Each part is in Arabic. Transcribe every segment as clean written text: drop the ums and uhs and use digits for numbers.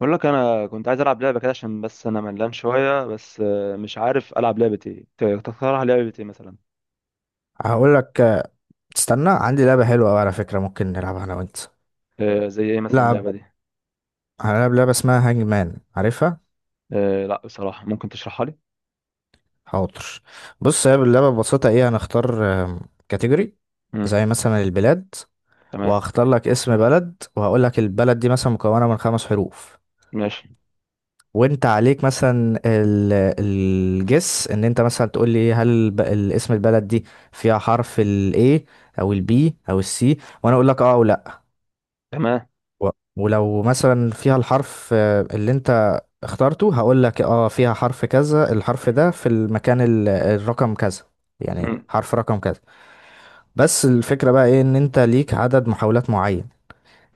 بقول لك انا كنت عايز العب لعبه كده عشان بس انا ملان شويه بس، مش عارف العب لعبه ايه. تقترح لعبه ايه مثلا؟ هقول لك. تستنى، عندي لعبة حلوة أوي على فكرة، ممكن نلعبها أنا وأنت. زي ايه مثلا لعب اللعبه دي؟ هنلعب لعبة اسمها هانج مان، عارفها؟ آه، لا، بصراحه ممكن تشرحها لي؟ حاضر. بص، هي اللعبة ببساطة إيه. هنختار كاتيجوري امم. زي مثلا البلاد، تمام. وهختار لك اسم بلد، وهقول لك البلد دي مثلا مكونة من 5 حروف، ماشي. وأنت عليك مثلا الجس إن أنت مثلا تقول لي، هل الاسم البلد دي فيها حرف ال A أو ال B أو ال C، وأنا أقول لك أه أو لأ. تمام. و- ولو مثلا فيها الحرف اللي أنت اخترته، هقول لك اه فيها حرف كذا، الحرف ده في المكان الرقم كذا، يعني امم. حرف رقم كذا. بس الفكرة بقى ايه، ان انت ليك عدد محاولات معين،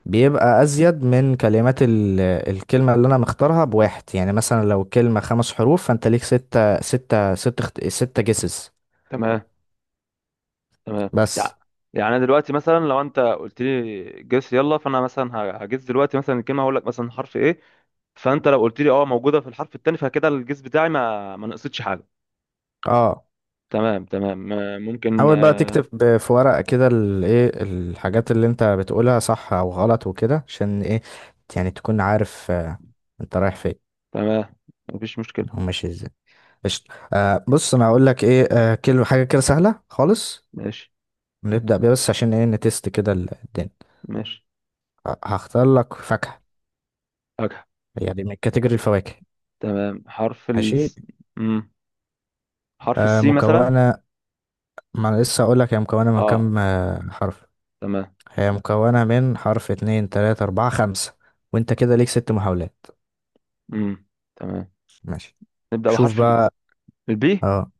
بيبقى ازيد من كلمات الكلمة اللي انا مختارها بواحد. يعني مثلا لو كلمة 5 حروف، فانت ليك 6 جيسز. تمام. تمام. بس يع- يعني انا دلوقتي مثلا لو انت قلت لي جس يلا، فانا مثلا هجس دلوقتي مثلا الكلمه، هقول لك مثلا حرف ايه. فانت لو قلت لي اه، موجوده في الحرف التاني، فكده الجس بتاعي ما نقصتش حاجه. اه، تمام، تمام. ممكن. حاول بقى تكتب في ورقة كده الايه الحاجات اللي انت بتقولها صح او غلط وكده، عشان ايه، يعني تكون عارف انت رايح فين تمام، مفيش مشكله. وماشي ازاي. قشطة. بص، انا هقول لك ايه، كل حاجه كده سهله خالص. ماشي. نبدا بيها بس عشان ايه نتست كده الدنيا. ماشي. هختار لك فاكهه، يعني من كاتيجوري الفواكه. تمام، حرف ال. ماشي. مم. حرف آه، السي مثلا. مكونه، ما انا لسه هقول لك هي مكونه من اه، كام حرف. تمام. هي مكونه من حرف، اتنين، تلاته، اربعه، خمسه، وانت كده ليك 6 محاولات. مم. تمام. ماشي. نبدأ شوف بحرف ال- بقى. البي اه,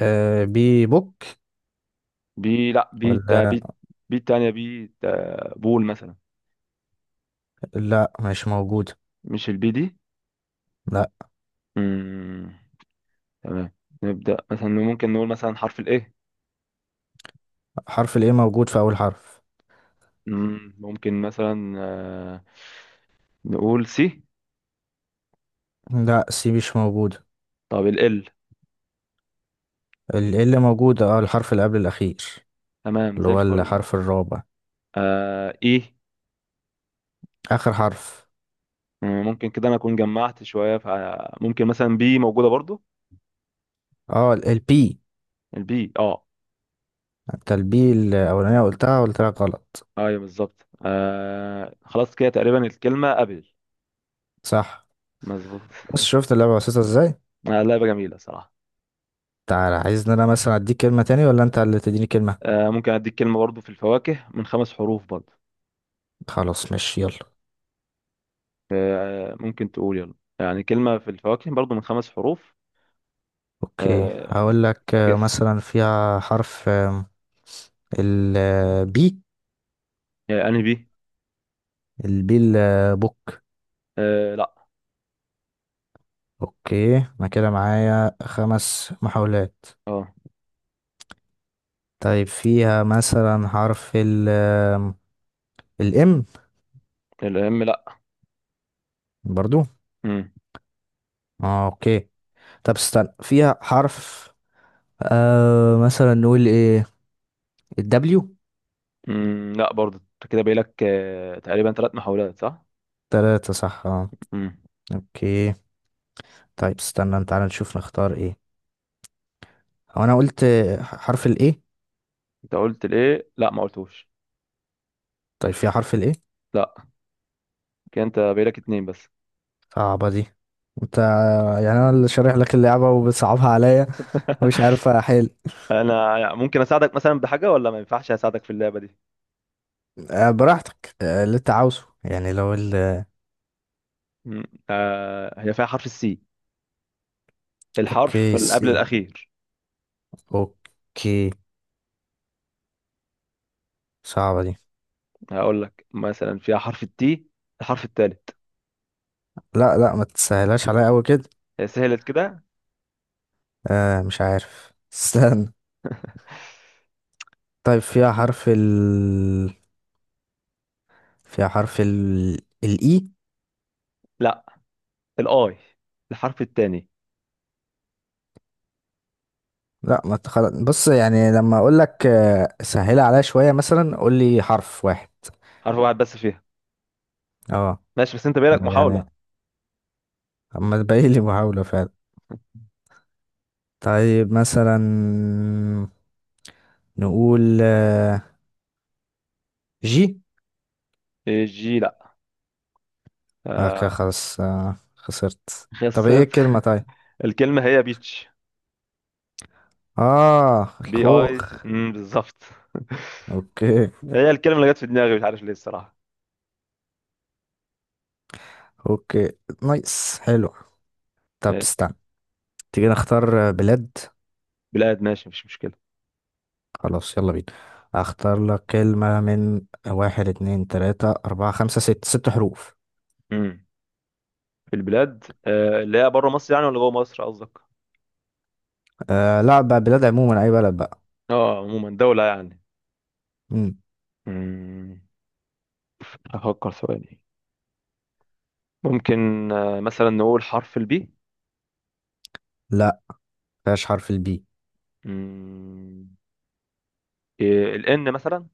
بي بوك بي، لا بي تا ولا؟ بي. بي التانية، بي تا بول مثلا. لا، مش موجود. مش البي دي؟ لا، مم. تمام. نبدأ مثلا، ممكن نقول مثلا حرف الايه. حرف الايه موجود في اول حرف. ممكن مثلا نقول سي. لا، سي مش موجود. طب ال. اللي موجودة الحرف اللي قبل الأخير، تمام، اللي زي هو الفل. الحرف الرابع، اي. آخر حرف. ممكن كده انا اكون جمعت شوية، فممكن مثلا بي موجودة برضو. اه، البي. البي، اه. انت البي الأولانية قلتها قلت لك غلط. ايوه بالظبط، خلاص كده تقريبا الكلمة قبل. صح. مظبوط. بص، شفت اللعبة بسيطة ازاي؟ آه، لعبة جميلة صراحة. تعالى، عايزني انا مثلا اديك كلمة تاني، ولا انت اللي تديني كلمة؟ آه، ممكن اديك كلمة برضو في الفواكه من 5 حروف برضو. خلاص، ماشي، يلا. آه، ممكن تقول يلا، يعني كلمة في الفواكه برضو من 5 حروف. اوكي، آه، هقول لك جس. مثلا فيها حرف البي يعني انهي؟ البي البوك. آه، لا. اوكي، انا كده معايا 5 محاولات. اه. طيب، فيها مثلا حرف الام؟ الام، لا. برضو. مم. اه. اوكي. طب استنى، فيها حرف مثلا نقول ايه، الدبليو؟ مم. لا برضو، انت كده باقي لك تقريبا 3 محاولات، صح؟ تلاتة صح، اه. مم. اوكي. طيب استنى، تعالى نشوف نختار ايه. هو انا قلت حرف الايه؟ انت قلت الايه؟ لا، ما قلتوش. طيب، فيها حرف الايه؟ لا، كده انت باقي لك اتنين بس. صعبة دي. انت يعني انا اللي شارح لك اللعبة وبتصعبها عليا، ومش عارف احل. انا ممكن اساعدك مثلا بحاجه، ولا ما ينفعش اساعدك في اللعبه دي؟ براحتك، اللي انت عاوزه. يعني لو مم. آه، هي فيها حرف السي، الحرف اوكي، اللي قبل سي. الاخير. اوكي. صعبة دي. هقول لك مثلا فيها حرف التي، الحرف الثالث. لا، لا، ما تسهلهاش عليا قوي كده. سهلت كده. مش عارف، استنى. طيب فيها حرف ال الإي؟ لا، الاي، الحرف الثاني. لا، ما أنت خلاص. بص، يعني لما أقول لك سهلها عليا شوية، مثلا قول لي حرف واحد. حرف واحد بس فيها. اه. ماشي، بس انت بالك يعني محاوله. أما تبقى لي محاولة فعلا. طيب مثلا نقول جي. الجي، لا. كده آه، خلاص، خسرت. طب ايه خسرت. الكلمة؟ طيب. الكلمه هي بيتش. اه، بي، اي، الخوخ. بالظبط. اوكي. هي الكلمه اللي جت في دماغي، مش عارف ليه الصراحه. اوكي. نايس، حلو. طب إيه؟ استنى، تيجي نختار بلاد. بلاد، ماشي، مفيش مشكله. خلاص، يلا بينا، اختار لك كلمة من واحد، اتنين، تلاتة، اربعة، خمسة، ست، ست حروف. مم. في البلاد اللي هي بره مصر، يعني، ولا جوه مصر قصدك؟ آه، لا، بقى بلاد عموما، اي بلد بقى. اه، عموما دولة يعني. مم. مم. أفكر ثواني. ممكن مثلا نقول حرف البي. لا، مفيهاش حرف البي. الإن مثلا.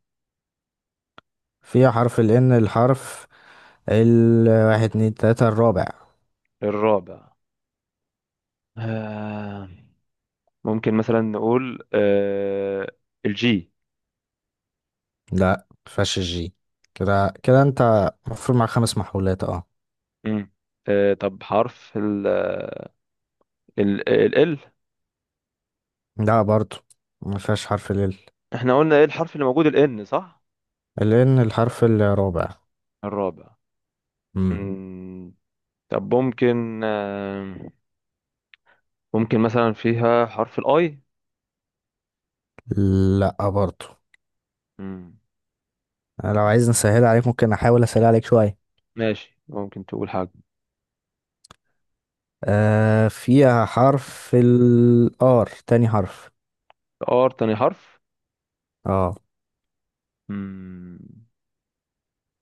فيها حرف الان، الحرف الواحد، اتنين، تلاتة، الرابع. الرابع. آه، ممكن مثلا نقول الجي. لا، مفيهاش الجي. كده كده انت المفروض مع 5 محاولات، اه. مم. طب حرف ال. لا، برضو مفيهاش حرف ال احنا قلنا ايه الحرف اللي موجود؟ الإن، صح. الان، الحرف الرابع. الرابع. مم. مم. طب ممكن ممكن مثلا فيها حرف الاي. لا، برضو. مم. أنا لو عايز نسهل عليك، ممكن احاول اسهل عليك شوية. ماشي، ممكن تقول حاجة. فيها حرف الآر، تاني حرف. ار، تاني حرف. اه. مم.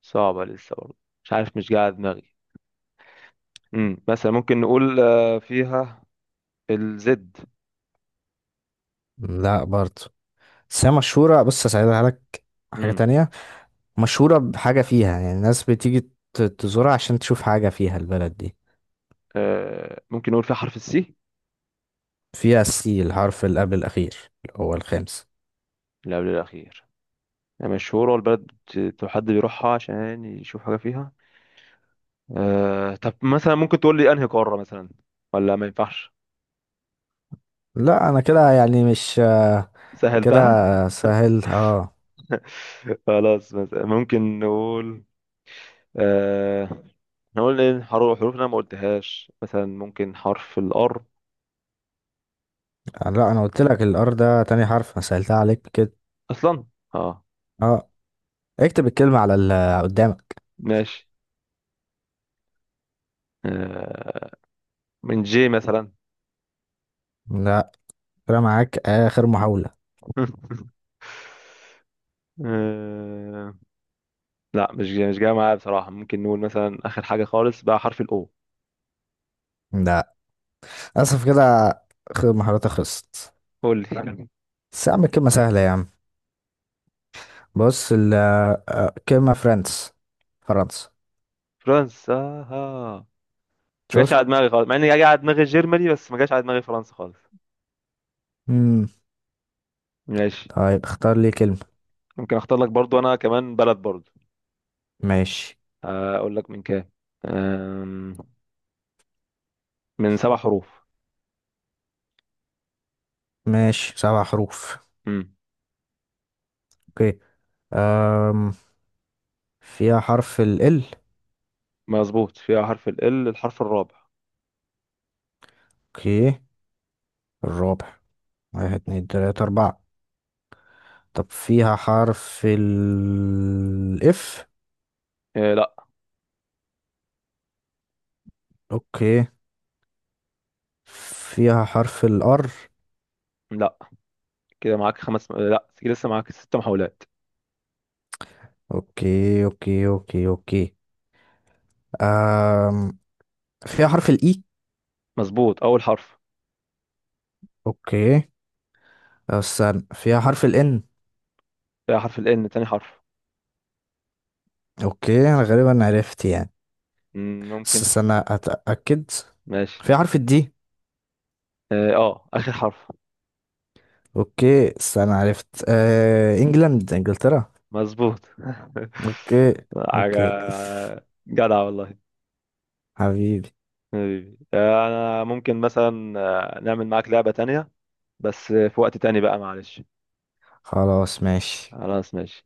صعبة لسه برضه. مش عارف، مش قاعد دماغي. مثلا ممكن نقول فيها الزد. لا، برضه. بس هي مشهورة. بص، هساعدها لك حاجة مم. تانية. مشهورة بحاجة فيها، يعني الناس بتيجي تزورها عشان تشوف حاجة فيها البلد دي. آه، ممكن نقول فيها حرف السي، فيها السي، الحرف اللي قبل الأخير، اللي هو الخامس. اللي قبل الأخير. يعني مشهورة، والبلد حد بيروحها عشان يشوف حاجة فيها. آه، طب مثلا ممكن تقول لي أنهي قارة مثلا؟ ولا ما ينفعش؟ لا، أنا كده يعني مش كده سهلتها. سهل، اه. خلاص، مثلا ممكن نقول آه، احنا قلنا إن حروف انا ما قلتهاش، مثلا ممكن حرف الار. لا، أنا قلت لك الآر ده تاني حرف، أنا سهلتها عليك كده. اصلا. اه. اه. اكتب الكلمة على اللي قدامك. ماشي. آه، من جي مثلا. لا، كده معاك آخر محاولة. آه، لا، مش جاي مش جاي معايا بصراحة. ممكن نقول مثلا اخر حاجة خالص بقى حرف الاو. لا، للأسف كده، محاولاتي خلصت. قول لي. بس يا عم الكلمة سهلة يا عم. بص، ال آه، كلمة فرنسا. فرنسا، آه. ما جاش شفت؟ على دماغي خالص، مع اني جاي على دماغي جيرماني، بس ما جاش على دماغي فرنسا خالص. مم. ماشي. طيب، اختار لي كلمة. ممكن اختار لك برضو انا كمان بلد برضو. ماشي، آه، اقول لك من كام، آم، من 7 حروف. ماشي، 7 حروف. اوكي. أم. فيها حرف ال ال؟ مظبوط، فيها حرف ال، الحرف الرابع. اوكي، الرابع. واحد، اتنين، تلاتة، أربعة. طب فيها حرف ال اف؟ آه، لا. اوكي. فيها حرف الار؟ لا، كده معاك خمس، آه لا، كده لسه معاك 6 محاولات. اوكي، اوكي، اوكي، اوكي. أم. فيها حرف الاي؟ مظبوط، اول حرف. اوكي. استنى، فيها حرف ال N؟ فيها حرف ال ان، تاني حرف. اوكي، انا غالبا عرفت يعني، بس ممكن. استنى اتاكد. ماشي. فيها حرف الدي؟ اه، آه، اخر حرف. اوكي، استنى، عرفت. انجلترا. مظبوط. اوكي. حاجة. اوكي. جدع والله. حبيبي. حبيبي. آه، انا ممكن مثلا نعمل معاك لعبة تانية، بس في وقت تاني بقى، معلش. خلاص، ماشي. خلاص، ماشي.